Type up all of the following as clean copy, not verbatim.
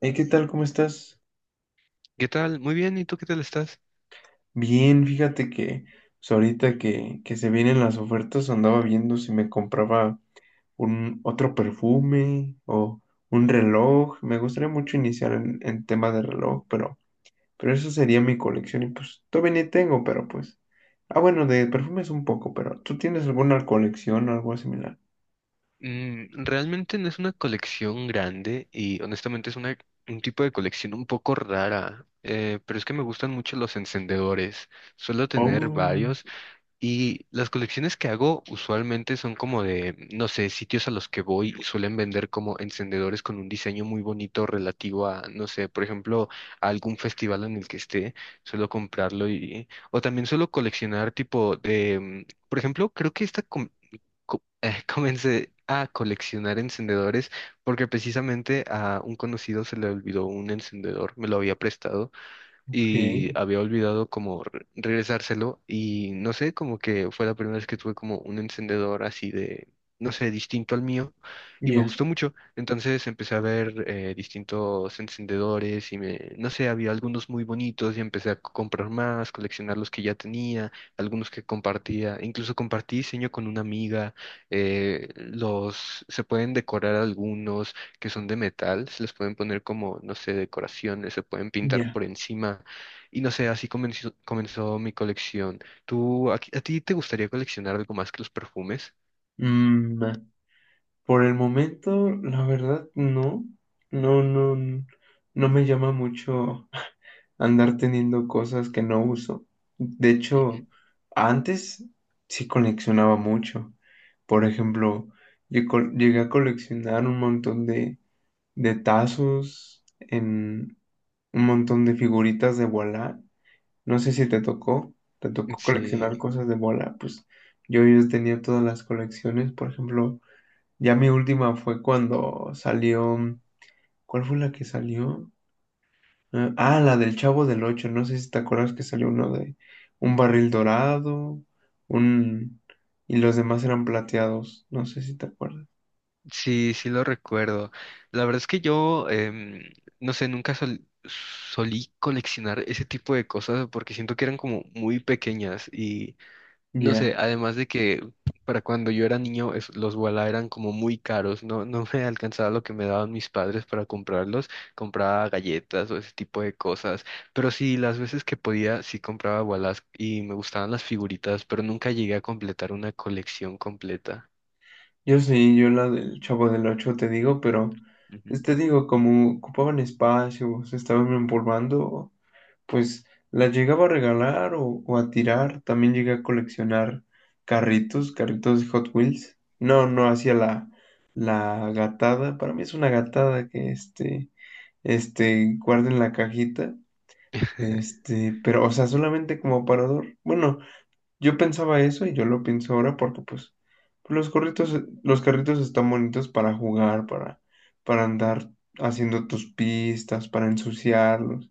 Hey, ¿qué tal? ¿Cómo estás? ¿Qué tal? Muy bien, ¿y tú qué tal estás? Bien, fíjate que pues, ahorita que se vienen las ofertas andaba viendo si me compraba un otro perfume o un reloj. Me gustaría mucho iniciar en tema de reloj, pero eso sería mi colección y pues todavía ni tengo, pero pues... Ah, bueno, de perfumes un poco, pero ¿tú tienes alguna colección o algo similar? Realmente no es una colección grande y honestamente es una, un tipo de colección un poco rara, pero es que me gustan mucho los encendedores. Suelo tener Oh, varios y las colecciones que hago usualmente son como de, no sé, sitios a los que voy y suelen vender como encendedores con un diseño muy bonito relativo a, no sé, por ejemplo, a algún festival en el que esté. Suelo comprarlo y... O también suelo coleccionar tipo de... Por ejemplo, creo que esta, comencé a coleccionar encendedores porque precisamente a un conocido se le olvidó un encendedor, me lo había prestado ok, y había olvidado como regresárselo y no sé, como que fue la primera vez que tuve como un encendedor así de, no sé, distinto al mío y me ya, gustó mucho. Entonces empecé a ver distintos encendedores y me, no sé, había algunos muy bonitos y empecé a comprar más, coleccionar los que ya tenía, algunos que compartía, incluso compartí diseño con una amiga, los, se pueden decorar algunos que son de metal, se les pueden poner como, no sé, decoraciones, se pueden pintar ya. por encima. Y no sé, así comenzó mi colección. ¿Tú, a ti te gustaría coleccionar algo más que los perfumes? Mm, Por el momento, la verdad, no. No, no me llama mucho andar teniendo cosas que no uso. De hecho, Ujú. antes sí coleccionaba mucho. Por ejemplo, llegué a coleccionar un montón de tazos, en un montón de figuritas de Voilà. No sé si te tocó, te tocó coleccionar Sí, cosas de Voilà. Pues yo tenía todas las colecciones, por ejemplo. Ya mi última fue cuando salió. ¿Cuál fue la que salió? La del Chavo del Ocho. No sé si te acuerdas que salió uno de un barril dorado, un y los demás eran plateados. No sé si te acuerdas. sí, sí lo recuerdo. La verdad es que yo, no sé, nunca solí coleccionar ese tipo de cosas porque siento que eran como muy pequeñas. No sé, Ya. además de que para cuando yo era niño los Wala eran como muy caros, no me alcanzaba lo que me daban mis padres para comprarlos, compraba galletas o ese tipo de cosas, pero sí, las veces que podía sí compraba Walas y me gustaban las figuritas, pero nunca llegué a completar una colección completa. Yo sí, yo la del Chavo del Ocho te digo, pero pues, Ujú. te digo, como ocupaban espacio, se estaban empolvando, pues las llegaba a regalar o a tirar. También llegué a coleccionar carritos, carritos de Hot Wheels. No, no hacía la gatada. Para mí es una gatada que guarden la cajita. Pero, o sea, solamente como aparador. Bueno, yo pensaba eso y yo lo pienso ahora porque pues los carritos, los carritos están bonitos para jugar, para andar haciendo tus pistas, para ensuciarlos,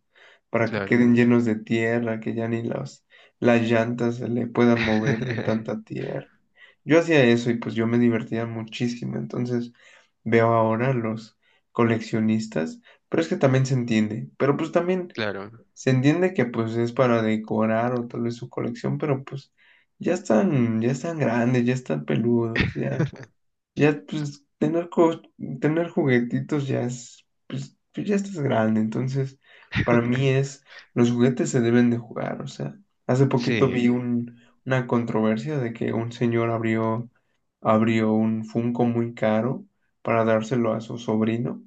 para que Claro, queden llenos de tierra, que ya ni las llantas se le puedan mover de tanta tierra. Yo hacía eso y pues yo me divertía muchísimo. Entonces veo ahora los coleccionistas, pero es que también se entiende. Pero pues también claro, se entiende que pues es para decorar o tal vez su colección, pero pues ya están grandes, ya están peludos, ya, ya pues tener juguetitos ya es, pues, pues, ya estás grande, entonces para mí es, los juguetes se deben de jugar, o sea, hace poquito sí, vi un, una controversia de que un señor abrió un Funko muy caro para dárselo a su sobrino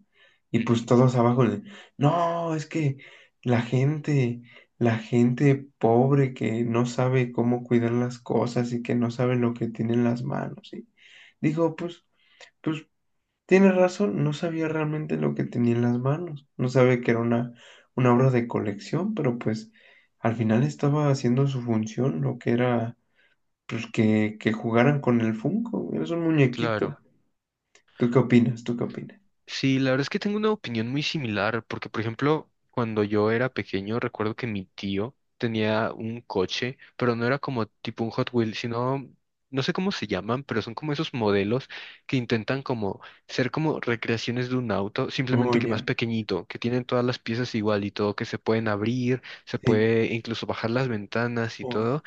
y pues ujú, todos abajo de, no, es que la gente, la gente pobre que no sabe cómo cuidar las cosas y que no sabe lo que tiene en las manos. Y digo, pues, pues tiene razón, no sabía realmente lo que tenía en las manos, no sabe que era una obra de colección, pero pues al final estaba haciendo su función, lo que era pues que jugaran con el Funko, eres un muñequito. claro. ¿Tú qué opinas? ¿Tú qué opinas? Sí, la verdad es que tengo una opinión muy similar, porque por ejemplo, cuando yo era pequeño, recuerdo que mi tío tenía un coche, pero no era como tipo un Hot Wheels, sino, no sé cómo se llaman, pero son como esos modelos que intentan como ser como recreaciones de un auto, Oh, simplemente que más ya, pequeñito, que tienen todas las piezas igual y todo, que se pueden abrir, se sí, puede incluso bajar las ventanas y oh, todo.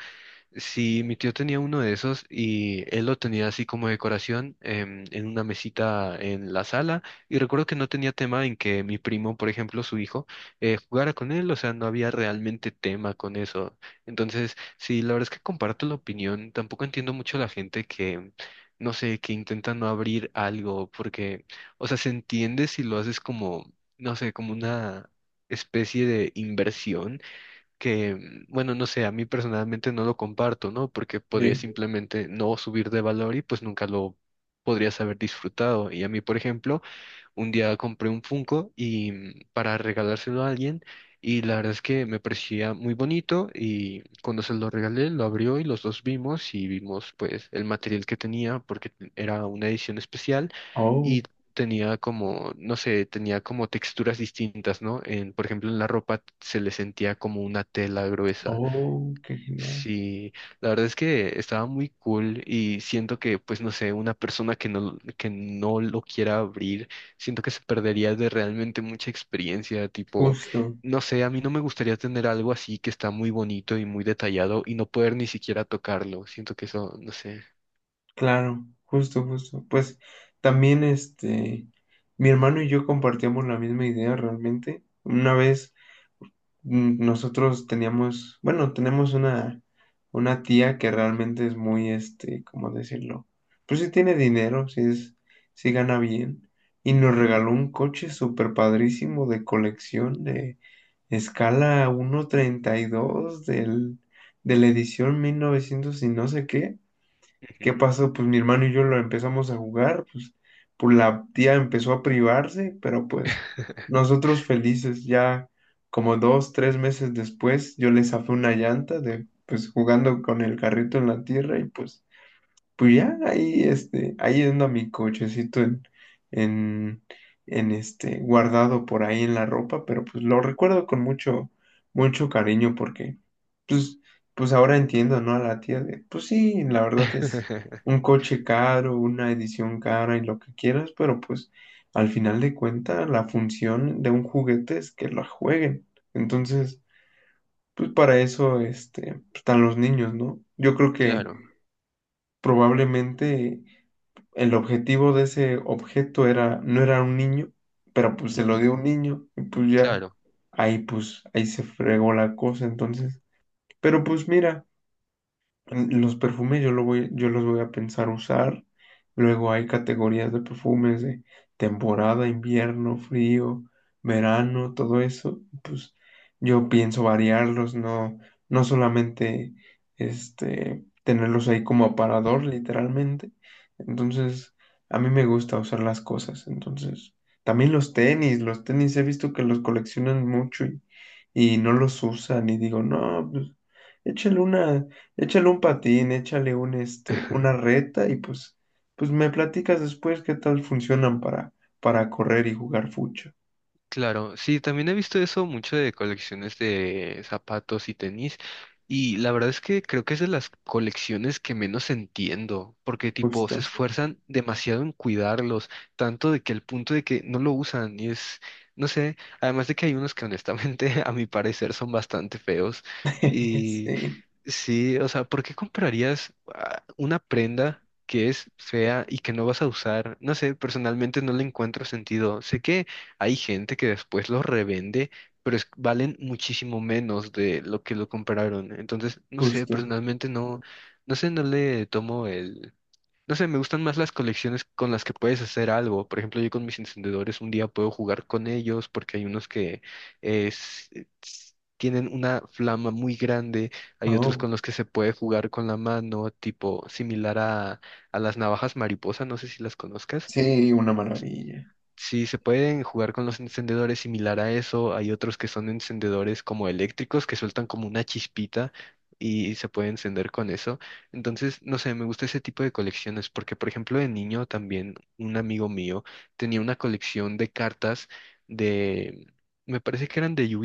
Sí, mi tío tenía uno de esos y él lo tenía así como decoración en una mesita en la sala y recuerdo que no tenía tema en que mi primo, por ejemplo, su hijo, jugara con él, o sea, no había realmente tema con eso. Entonces, sí, la verdad es que comparto la opinión, tampoco entiendo mucho la gente que, no sé, que intenta no abrir algo porque, o sea, se entiende si lo haces como, no sé, como una especie de inversión que, bueno, no sé, a mí personalmente no lo comparto, ¿no? Porque podría sí, simplemente no subir de valor y pues nunca lo podrías haber disfrutado. Y a mí, por ejemplo, un día compré un Funko y para regalárselo a alguien y la verdad es que me parecía muy bonito y cuando se lo regalé lo abrió y los dos vimos y vimos pues el material que tenía porque era una edición especial oh, y tenía como, no sé, tenía como texturas distintas, ¿no? En, por ejemplo, en la ropa se le sentía como una tela gruesa. oh, qué genial. Sí, la verdad es que estaba muy cool y siento que, pues no sé, una persona que que no lo quiera abrir, siento que se perdería de realmente mucha experiencia, tipo, Justo, no sé, a mí no me gustaría tener algo así que está muy bonito y muy detallado y no poder ni siquiera tocarlo, siento que eso, no sé. claro, justo, justo. Pues también mi hermano y yo compartíamos la misma idea realmente. Una vez nosotros teníamos, bueno, tenemos una tía que realmente es muy, este, ¿cómo decirlo? Pues sí tiene dinero, sí es, sí gana bien. Y nos Ujú, regaló un coche súper padrísimo de colección de escala 1:32 de la edición 1900 y no sé qué. ¿Qué ujú. pasó? Pues mi hermano y yo lo empezamos a jugar, pues, pues la tía empezó a privarse, pero pues nosotros felices, ya como 2, 3 meses después, yo le zafé una llanta de, pues jugando con el carrito en la tierra y pues pues ya, ahí, este, ahí anda mi cochecito en, en este, guardado por ahí en la ropa, pero pues lo recuerdo con mucho, mucho cariño porque, pues, pues ahora entiendo, ¿no? A la tía de, pues sí, la verdad es un coche caro, una edición cara y lo que quieras, pero pues al final de cuentas la función de un juguete es que lo jueguen. Entonces, pues para eso, este, pues, están los niños, ¿no? Yo creo Claro, que probablemente el objetivo de ese objeto era, no era un niño, pero pues se lo ujú, dio un niño y pues ya claro. ahí pues ahí se fregó la cosa entonces. Pero pues mira, los perfumes yo, lo voy, yo los voy a pensar usar. Luego hay categorías de perfumes de temporada, invierno, frío, verano, todo eso. Pues yo pienso variarlos, no, no solamente este, tenerlos ahí como aparador, literalmente. Entonces, a mí me gusta usar las cosas. Entonces, también los tenis he visto que los coleccionan mucho y no los usan y digo, no, pues échale una. Échale un patín, échale un, este, una reta y pues, pues me platicas después qué tal funcionan para correr y jugar fucho. Claro, sí, también he visto eso mucho de colecciones de zapatos y tenis, y la verdad es que creo que es de las colecciones que menos entiendo, porque tipo se Justo. esfuerzan demasiado en cuidarlos, tanto de que el punto de que no lo usan y es, no sé, además de que hay unos que honestamente a mi parecer son bastante feos. Sí, Sí, o sea, ¿por qué comprarías una prenda que es fea y que no vas a usar? No sé, personalmente no le encuentro sentido. Sé que hay gente que después los revende, pero valen muchísimo menos de lo que lo compraron. Entonces, no sé, justo. personalmente no, no sé, no le tomo, no sé, me gustan más las colecciones con las que puedes hacer algo. Por ejemplo, yo con mis encendedores un día puedo jugar con ellos porque hay unos que es- tienen una flama muy grande, hay otros Oh, con los que se puede jugar con la mano, tipo similar a las navajas mariposa, no sé si las conozcas. sí, una maravilla. Sí, se pueden jugar con los encendedores similar a eso. Hay otros que son encendedores como eléctricos que sueltan como una chispita y se puede encender con eso. Entonces, no sé, me gusta ese tipo de colecciones porque, por ejemplo, de niño también un amigo mío tenía una colección de cartas de, me parece que eran de yu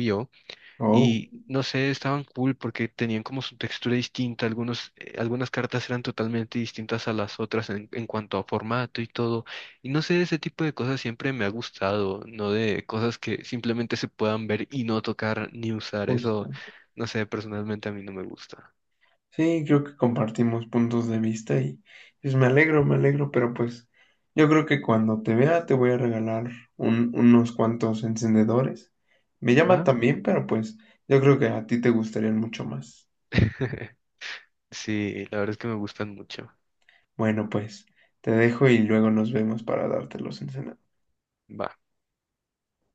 Oh, y no sé, estaban cool porque tenían como su textura distinta. Algunos, algunas cartas eran totalmente distintas a las otras en cuanto a formato y todo. Y no sé, ese tipo de cosas siempre me ha gustado, no de cosas que simplemente se puedan ver y no tocar ni usar. Eso, justo. no sé, personalmente a mí no me gusta. Sí, creo que compartimos puntos de vista y pues me alegro, pero pues yo creo que cuando te vea te voy a regalar unos cuantos encendedores. Me llaman ¿Va? también, pero pues yo creo que a ti te gustarían mucho más. Sí, la verdad es que me gustan mucho. Bueno, pues te dejo y luego nos vemos para darte los, ensena- Va.